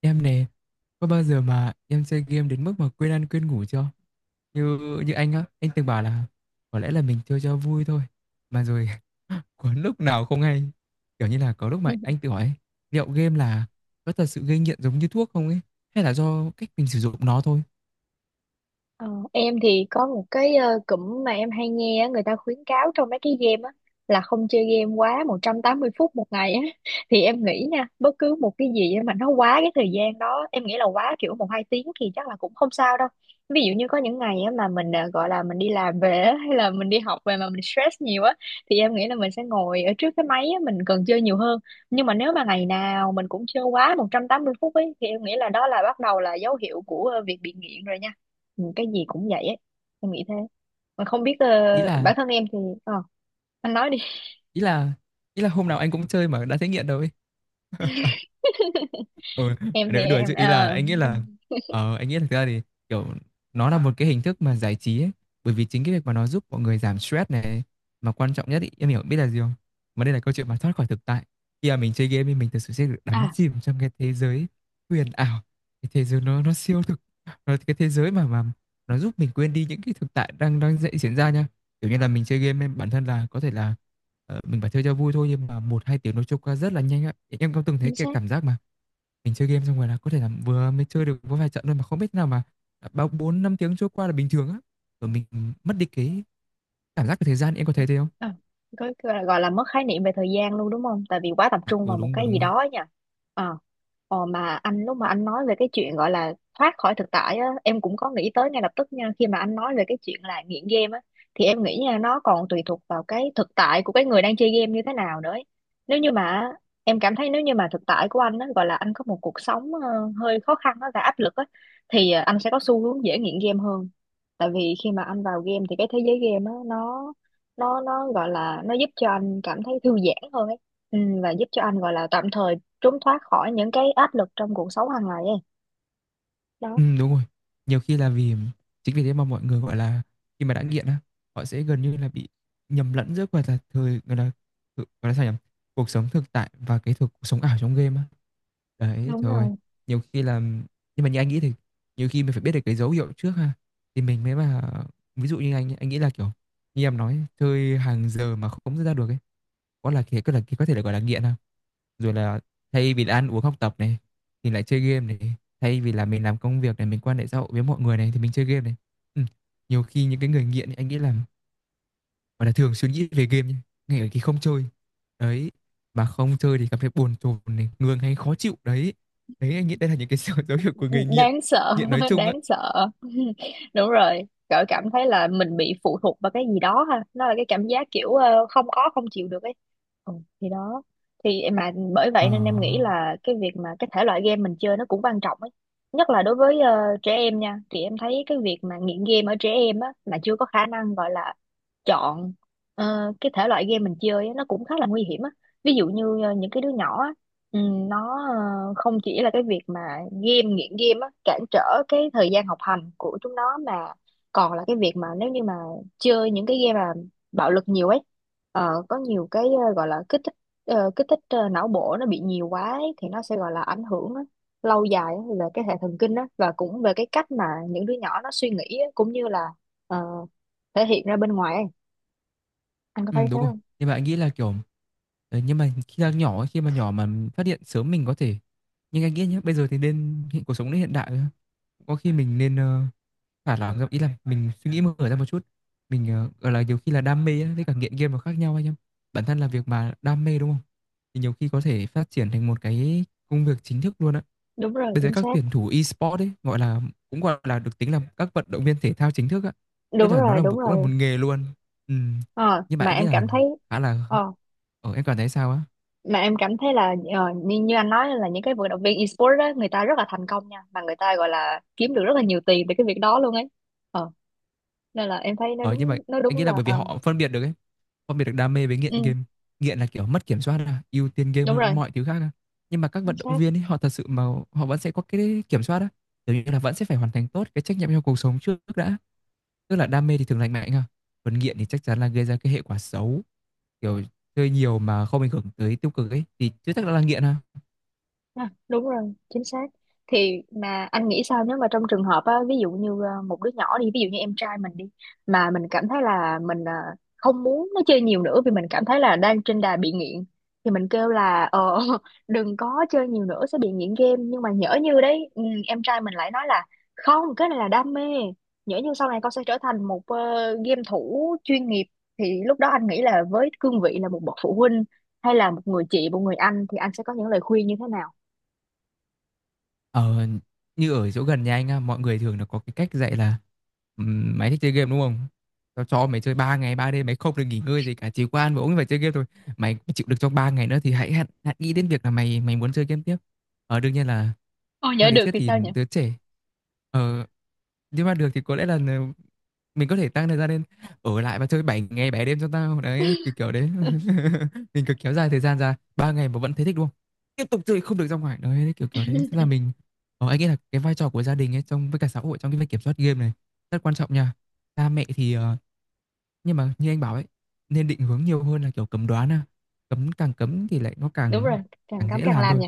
Em nè, có bao giờ mà em chơi game đến mức mà quên ăn quên ngủ chưa? Như như anh á, anh từng bảo là có lẽ là mình chơi cho vui thôi. Mà rồi có lúc nào không hay. Kiểu như là có lúc mà Ừ. anh tự hỏi ấy, liệu game là có thật sự gây nghiện giống như thuốc không ấy? Hay là do cách mình sử dụng nó thôi? Ờ, em thì có một cái cụm mà em hay nghe á, người ta khuyến cáo trong mấy cái game á là không chơi game quá 180 phút một ngày á thì em nghĩ nha, bất cứ một cái gì mà nó quá cái thời gian đó em nghĩ là quá kiểu một hai tiếng thì chắc là cũng không sao đâu. Ví dụ như có những ngày á mà mình gọi là mình đi làm về á, hay là mình đi học về mà mình stress nhiều á, thì em nghĩ là mình sẽ ngồi ở trước cái máy á, mình cần chơi nhiều hơn. Nhưng mà nếu mà ngày nào mình cũng chơi quá 180 phút ấy thì em nghĩ là đó là bắt đầu là dấu hiệu của việc bị nghiện rồi nha. Ừ, cái gì cũng vậy ấy, em nghĩ thế. Mà không biết Ý bản là thân em thì ờ anh nói đi. ý là ý là hôm nào anh cũng chơi mà đã thấy nghiện đâu ấy. Ừ, em thì nói đùa em chứ ý là ờ, anh nghĩ là thực ra thì kiểu nó là một cái hình thức mà giải trí ấy. Bởi vì chính cái việc mà nó giúp mọi người giảm stress này mà quan trọng nhất ý, em hiểu biết là gì không? Mà đây là câu chuyện mà thoát khỏi thực tại. Khi mà mình chơi game thì mình thực sự sẽ được đắm À, chìm trong cái thế giới huyền ảo, cái thế giới nó siêu thực, nó cái thế giới mà nó giúp mình quên đi những cái thực tại đang đang dậy diễn ra nha. Kiểu như là mình chơi game em bản thân là có thể là mình phải chơi cho vui thôi nhưng mà một hai tiếng nó trôi qua rất là nhanh á. Em có từng thấy chính cái xác. cảm giác mà mình chơi game xong rồi là có thể là vừa mới chơi được có vài trận thôi mà không biết thế nào mà đã bao bốn năm tiếng trôi qua là bình thường á. Rồi mình mất đi cái cảm giác về thời gian, em có thấy thế không? À, gọi là mất khái niệm về thời gian luôn, đúng không? Tại vì quá tập À, trung ừ, vào một đúng rồi, cái đúng gì rồi. đó nha. Ờ, mà anh lúc mà anh nói về cái chuyện gọi là thoát khỏi thực tại á, em cũng có nghĩ tới ngay lập tức nha. Khi mà anh nói về cái chuyện là nghiện game á, thì em nghĩ nha, nó còn tùy thuộc vào cái thực tại của cái người đang chơi game như thế nào nữa ấy. Nếu như mà em cảm thấy nếu như mà thực tại của anh á, gọi là anh có một cuộc sống hơi khó khăn á, và áp lực á, thì anh sẽ có xu hướng dễ nghiện game hơn. Tại vì khi mà anh vào game thì cái thế giới game á, nó gọi là nó giúp cho anh cảm thấy thư giãn hơn ấy, ừ, và giúp cho anh gọi là tạm thời trốn thoát khỏi những cái áp lực trong cuộc sống hàng ngày ấy đó. Đúng rồi. Nhiều khi là vì chính vì thế mà mọi người, gọi là, khi mà đã nghiện á, họ sẽ gần như là bị nhầm lẫn giữa, gọi là, thời gọi là, thực gọi là, sao nhỉ? Cuộc sống thực tại và cái thực cuộc sống ảo trong game á. Đấy, Đúng trời ơi, rồi. nhiều khi là nhưng mà như anh nghĩ thì nhiều khi mình phải biết được cái dấu hiệu trước ha, thì mình mới mà ví dụ như anh ấy, anh nghĩ là, kiểu, như em nói, chơi hàng giờ mà không rút ra được ấy, có thể là, gọi là, nghiện ha, rồi là thay vì là ăn uống học tập này thì lại chơi game này, thay vì là mình làm công việc này mình quan hệ xã hội với mọi người này thì mình chơi game này. Ừ. Nhiều khi những cái người nghiện ấy, anh nghĩ là gọi là thường suy nghĩ về game nhá ngay ở khi không chơi đấy, mà không chơi thì cảm thấy bồn chồn này ngường hay khó chịu đấy. Đấy anh nghĩ đây là những cái dấu dấu hiệu của người nghiện Đáng sợ. nghiện nói chung á. Đáng sợ. Đúng rồi, cỡ cảm thấy là mình bị phụ thuộc vào cái gì đó ha, nó là cái cảm giác kiểu không có không chịu được ấy, ừ, thì đó. Thì mà bởi vậy nên em nghĩ ờ là cái việc mà cái thể loại game mình chơi nó cũng quan trọng ấy. Nhất là đối với trẻ em nha, thì em thấy cái việc mà nghiện game ở trẻ em á mà chưa có khả năng gọi là chọn cái thể loại game mình chơi á, nó cũng khá là nguy hiểm á. Ví dụ như những cái đứa nhỏ á, ừ, nó không chỉ là cái việc mà nghiện game á, cản trở cái thời gian học hành của chúng nó, mà còn là cái việc mà nếu như mà chơi những cái game mà bạo lực nhiều ấy, có nhiều cái gọi là kích thích não bộ nó bị nhiều quá ấy, thì nó sẽ gọi là ảnh hưởng á, lâu dài á, về cái hệ thần kinh á, và cũng về cái cách mà những đứa nhỏ nó suy nghĩ á, cũng như là ờ, thể hiện ra bên ngoài ấy. Anh có ừ, thấy thế đúng rồi. không? Nhưng mà anh nghĩ là kiểu, đấy, nhưng mà khi là nhỏ ấy, khi mà nhỏ mà phát hiện sớm mình có thể, nhưng anh nghĩ nhé bây giờ thì nên hiện cuộc sống đến hiện đại có khi mình nên thả lỏng ra ý là mình suy nghĩ mở ra một chút mình gọi là nhiều khi là đam mê á, với cả nghiện game nó khác nhau anh em bản thân là việc mà đam mê đúng không thì nhiều khi có thể phát triển thành một cái công việc chính thức luôn á. Đúng rồi, Bây giờ chính các xác. tuyển thủ e-sport ấy gọi là cũng gọi là được tính là các vận động viên thể thao chính thức á, tức Đúng là nó rồi, là một đúng cũng là một rồi. nghề luôn. Ừ. Ờ, Nhưng mà mà anh nghĩ em là cảm thấy khá là ờ, em cảm thấy sao á? mà em cảm thấy là như anh nói là những cái vận động viên esports đó, người ta rất là thành công nha, mà người ta gọi là kiếm được rất là nhiều tiền từ cái việc đó luôn ấy, ờ, nên là em thấy nó Ờ nhưng mà đúng nó anh đúng nghĩ là là bởi ờ, vì họ phân biệt được ấy, phân biệt được đam mê với nghiện ừ, game. Nghiện là kiểu mất kiểm soát là ưu tiên game đúng hơn rồi, mọi thứ khác á. Nhưng mà các chính vận động xác. viên ấy họ thật sự mà họ vẫn sẽ có cái kiểm soát á, kiểu như là vẫn sẽ phải hoàn thành tốt cái trách nhiệm trong cuộc sống trước đã. Tức là đam mê thì thường lành mạnh ha. Còn nghiện thì chắc chắn là gây ra cái hệ quả xấu, kiểu chơi nhiều mà không ảnh hưởng tới tiêu cực ấy thì chưa chắc đã là nghiện ha. À, đúng rồi, chính xác. Thì mà anh nghĩ sao nếu mà trong trường hợp á, ví dụ như một đứa nhỏ đi, ví dụ như em trai mình đi, mà mình cảm thấy là mình không muốn nó chơi nhiều nữa vì mình cảm thấy là đang trên đà bị nghiện, thì mình kêu là đừng có chơi nhiều nữa sẽ bị nghiện game. Nhưng mà nhỡ như đấy, ừ, em trai mình lại nói là không, cái này là đam mê. Nhỡ như sau này con sẽ trở thành một game thủ chuyên nghiệp, thì lúc đó anh nghĩ là với cương vị là một bậc phụ huynh, hay là một người chị, một người anh thì anh sẽ có những lời khuyên như thế nào? Ờ, như ở chỗ gần nhà anh á, mọi người thường là có cái cách dạy là mày thích chơi game đúng không? Tao cho mày chơi 3 ngày 3 đêm mày không được nghỉ ngơi gì cả chỉ có ăn và uống và chơi game thôi. Mày chịu được trong 3 ngày nữa thì hãy hãy, hãy nghĩ đến việc là mày mày muốn chơi game tiếp. Ờ đương nhiên là Ôi, nhớ theo lý được thuyết thì thì sao nhỉ? đứa trẻ, ờ nhưng mà được thì có lẽ là mình có thể tăng thời gian lên ở lại và chơi 7 ngày 7 đêm cho tao đấy kiểu kiểu đấy mình cứ kéo dài thời gian ra 3 ngày mà vẫn thấy thích đúng không, tiếp tục chơi không được ra ngoài đấy kiểu kiểu đấy thế là mình. Ờ, anh nghĩ là cái vai trò của gia đình ấy trong với cả xã hội trong cái việc kiểm soát game này rất quan trọng nha. Cha mẹ thì nhưng mà như anh bảo ấy nên định hướng nhiều hơn là kiểu cấm đoán à. Cấm càng cấm thì lại nó Đúng rồi, càng càng càng cấm dễ càng làm làm thôi. nhỉ.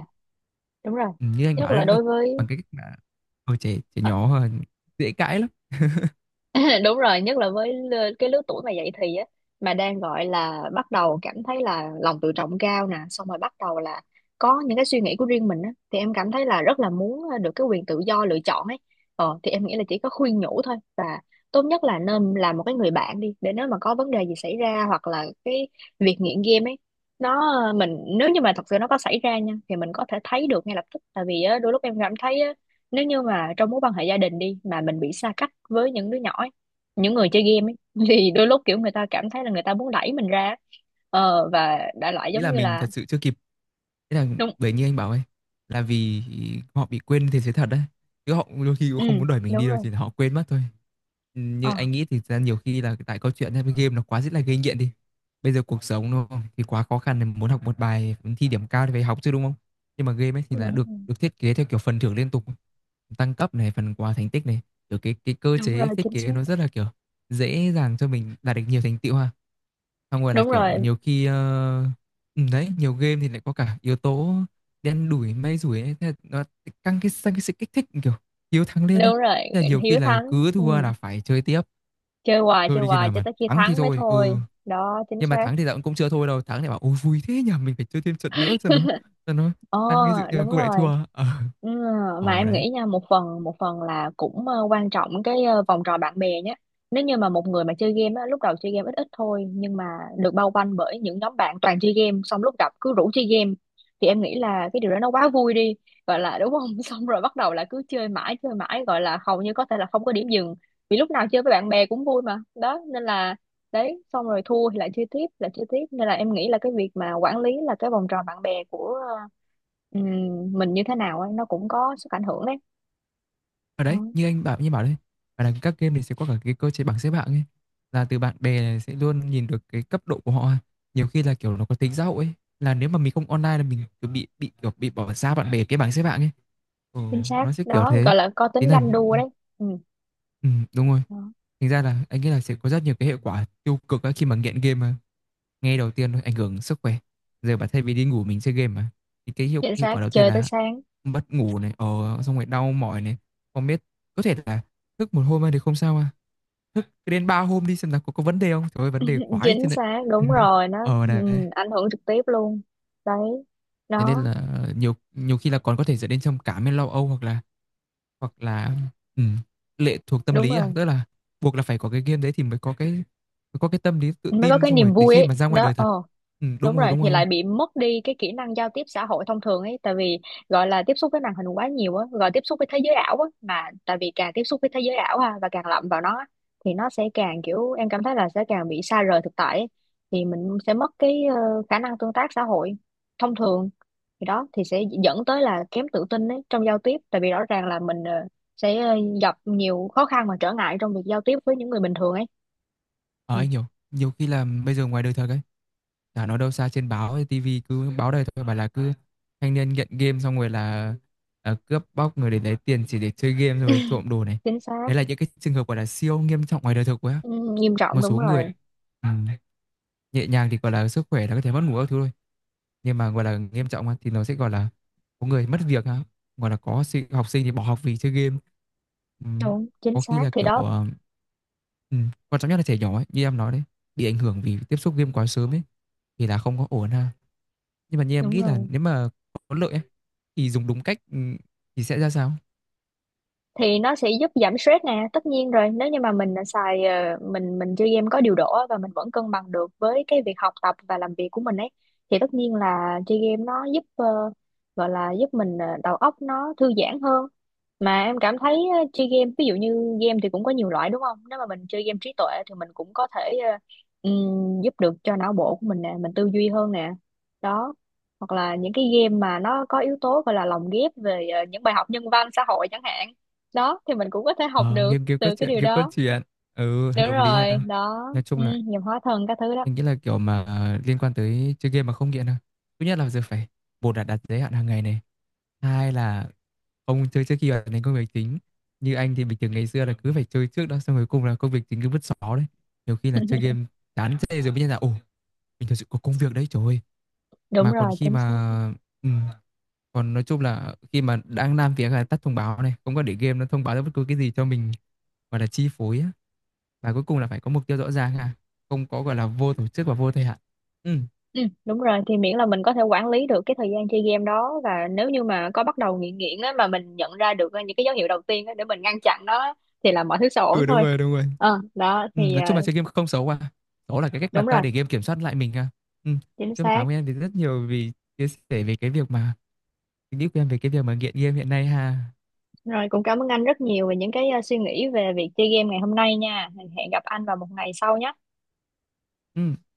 Đúng rồi. Ừ, như anh Nhất bảo đấy, là mà đối với. bằng cái cách mà ở trẻ trẻ nhỏ dễ cãi lắm. Đúng rồi, nhất là với cái lứa tuổi mà dậy thì á, mà đang gọi là bắt đầu cảm thấy là lòng tự trọng cao nè, xong rồi bắt đầu là có những cái suy nghĩ của riêng mình á, thì em cảm thấy là rất là muốn được cái quyền tự do lựa chọn ấy. Thì em nghĩ là chỉ có khuyên nhủ thôi, và tốt nhất là nên làm một cái người bạn đi, để nếu mà có vấn đề gì xảy ra hoặc là cái việc nghiện game ấy, nó mình nếu như mà thật sự nó có xảy ra nha thì mình có thể thấy được ngay lập tức, tại vì á, đôi lúc em cảm thấy nếu như mà trong mối quan hệ gia đình đi mà mình bị xa cách với những đứa nhỏ ấy, những người chơi game ấy, thì đôi lúc kiểu người ta cảm thấy là người ta muốn đẩy mình ra, và đại loại Nghĩ giống là như mình là thật sự chưa kịp, thế là, đúng. bởi như anh bảo ấy là vì họ bị quên thế giới thật đấy chứ họ đôi khi cũng Ừ, không muốn đuổi mình đúng đi đâu rồi. chỉ là họ quên mất thôi. Ừ, như ờ, anh nghĩ thì thật ra nhiều khi là tại câu chuyện hay với game nó quá rất là gây nghiện đi, bây giờ cuộc sống đúng không thì quá khó khăn thì muốn học một bài thi điểm cao thì phải học chứ đúng không, nhưng mà game ấy thì là Đúng được rồi, được thiết kế theo kiểu phần thưởng liên tục tăng cấp này phần quà thành tích này, kiểu cái cơ đúng chế rồi, thiết chính xác. kế nó rất là kiểu dễ dàng cho mình đạt được nhiều thành tựu ha. Xong rồi là Đúng rồi, kiểu nhiều khi ừ, đấy nhiều game thì lại có cả yếu tố đen đủi may rủi ấy. Thế là nó căng cái sang cái sự kích thích kiểu hiếu thắng lên ấy. đúng rồi. Thế là nhiều khi Hiếu là thắng. cứ Ừ. thua là phải chơi tiếp, Chơi hoài chơi chơi đến khi hoài nào cho mà tới khi thắng thì thắng mới thôi. Ừ, thôi đó, chính nhưng mà xác. thắng thì dạo cũng chưa thôi đâu, thắng thì bảo ôi vui thế nhờ mình phải chơi thêm trận nữa cho nó Ờ, tăng cái sự, nhưng mà đúng cũng lại rồi. thua. Ờ Ừ, mà Ồ, em đấy. nghĩ nha, một phần là cũng quan trọng cái vòng tròn bạn bè nhé. Nếu như mà một người mà chơi game á, lúc đầu chơi game ít ít thôi, nhưng mà được bao quanh bởi những nhóm bạn toàn chơi game, xong lúc gặp cứ rủ chơi game thì em nghĩ là cái điều đó nó quá vui đi, gọi là đúng không? Xong rồi bắt đầu là cứ chơi mãi chơi mãi, gọi là hầu như có thể là không có điểm dừng, vì lúc nào chơi với bạn bè cũng vui mà đó, nên là đấy, xong rồi thua thì lại chơi tiếp lại chơi tiếp, nên là em nghĩ là cái việc mà quản lý là cái vòng tròn bạn bè của ừ, mình như thế nào ấy, nó cũng có sức ảnh hưởng đấy. Ở đấy Đó, như anh bảo đấy và là các game thì sẽ có cả cái cơ chế bảng xếp hạng ấy là từ bạn bè này sẽ luôn nhìn được cái cấp độ của họ nhiều khi là kiểu nó có tính xã hội ấy là nếu mà mình không online là mình cứ bị kiểu bị bỏ xa bạn bè cái bảng xếp hạng ấy. Ừ, chính xác nó sẽ kiểu đó, thế gọi là có tính tính là ganh đua ừ, đấy, ừ, ừ, đúng rồi. đó. Thành ra là anh nghĩ là sẽ có rất nhiều cái hệ quả tiêu cực ấy khi mà nghiện game mà. Nghe đầu tiên thôi ảnh hưởng sức khỏe. Giờ bảo thay vì đi ngủ mình chơi game mà. Thì cái hiệu, Chính hiệu xác, quả đầu tiên chơi tới là sáng. mất ngủ này, xong rồi đau mỏi này, không biết có thể là thức một hôm thì không sao à. Thức đến 3 hôm đi xem là có vấn đề không. Trời ơi vấn đề quá ấy Chính chứ này. xác, đúng rồi, nó, Ờ đấy. ừ, ảnh hưởng trực tiếp luôn đấy, Thế nên nó là nhiều nhiều khi là còn có thể dẫn đến trầm cảm hay lo âu hoặc là, hoặc là ừ, lệ thuộc tâm đúng lý à, rồi, tức là buộc là phải có cái game đấy thì mới có cái tâm lý tự mới có tin cái xong niềm rồi đến vui khi ấy mà ra ngoài đó. đời Ờ thật. Ừ, Đúng đúng rồi, rồi, đúng rồi, thì đúng rồi. lại bị mất đi cái kỹ năng giao tiếp xã hội thông thường ấy, tại vì gọi là tiếp xúc với màn hình quá nhiều á, gọi tiếp xúc với thế giới ảo á, mà tại vì càng tiếp xúc với thế giới ảo ha và càng lậm vào nó á, thì nó sẽ càng kiểu em cảm thấy là sẽ càng bị xa rời thực tại ấy. Thì mình sẽ mất cái khả năng tương tác xã hội thông thường, thì đó thì sẽ dẫn tới là kém tự tin ấy trong giao tiếp, tại vì rõ ràng là mình sẽ gặp nhiều khó khăn và trở ngại trong việc giao tiếp với những người bình thường ấy. Ờ, Ừ, anh hiểu, nhiều khi là bây giờ ngoài đời thật ấy, chả nói đâu xa trên báo hay tivi cứ báo đầy thôi bảo là cứ thanh niên nghiện game xong rồi là, à, cướp bóc người để lấy tiền chỉ để chơi game xong rồi trộm đồ này. chính xác. Đấy là những cái trường hợp gọi là siêu nghiêm trọng ngoài đời thực quá. Ừ, nghiêm Một trọng, đúng số người, rồi. ừ, nhẹ nhàng thì gọi là sức khỏe là có thể mất ngủ các thứ thôi nhưng mà gọi là nghiêm trọng á, thì nó sẽ gọi là có người mất việc á, gọi là có sinh, học sinh thì bỏ học vì chơi game. Ừm, Đúng, chính có khi xác, là thì kiểu đó. Quan trọng nhất là trẻ nhỏ ấy, như em nói đấy bị ảnh hưởng vì tiếp xúc game quá sớm ấy thì là không có ổn ha nhưng mà như em Đúng nghĩ là rồi, nếu mà có lợi ấy, thì dùng đúng cách, thì sẽ ra sao. thì nó sẽ giúp giảm stress nè, tất nhiên rồi, nếu như mà mình đã mình chơi game có điều độ á, và mình vẫn cân bằng được với cái việc học tập và làm việc của mình ấy, thì tất nhiên là chơi game nó giúp gọi là giúp mình đầu óc nó thư giãn hơn. Mà em cảm thấy chơi game, ví dụ như game thì cũng có nhiều loại, đúng không? Nếu mà mình chơi game trí tuệ thì mình cũng có thể giúp được cho não bộ của mình nè, mình tư duy hơn nè, đó. Hoặc là những cái game mà nó có yếu tố gọi là lồng ghép về những bài học nhân văn xã hội chẳng hạn, đó thì mình cũng có thể học Ờ, được Game game có từ cái chuyện điều game cốt đó. chuyện ừ Đúng hợp lý rồi ha đó, nói ừ, chung là nghiệp hóa thân các thứ đó, mình nghĩ là kiểu mà liên quan tới chơi game mà không nghiện thôi. Thứ nhất là giờ phải một là đặt giới hạn hàng ngày này. Hai là không chơi trước khi hoàn thành công việc chính. Như anh thì bình thường ngày xưa là cứ phải chơi trước đó xong rồi cùng là công việc chính cứ vứt xó đấy. Nhiều khi là chơi game chán chê rồi mới nhận ra ồ mình thật sự có công việc đấy trời ơi. đúng Mà còn rồi, khi chính xác. mà ừ. Còn nói chung là khi mà đang làm việc là tắt thông báo này, không có để game nó thông báo ra bất cứ cái gì cho mình gọi là chi phối á, và cuối cùng là phải có mục tiêu rõ ràng ha, không có gọi là vô tổ chức và vô thời hạn. Ừ, Ừ, đúng rồi, thì miễn là mình có thể quản lý được cái thời gian chơi game đó, và nếu như mà có bắt đầu nghiện nghiện á mà mình nhận ra được những cái dấu hiệu đầu tiên á để mình ngăn chặn nó á, thì là mọi thứ sẽ ổn ừ, đúng thôi. rồi, đúng rồi. ờ đó Ừ, thì nói chung là ờ, chơi game không xấu à, đó là cái cách mà Đúng ta rồi, để game kiểm soát lại mình à. Ừ. Nói chính chung là xác. cảm ơn em vì rất nhiều vì chia sẻ về cái việc mà suy nghĩ của em về cái việc mà nghiện game hiện nay ha. Rồi, cũng cảm ơn anh rất nhiều về những cái suy nghĩ về việc chơi game ngày hôm nay nha, hẹn gặp anh vào một ngày sau nhé. Ừ.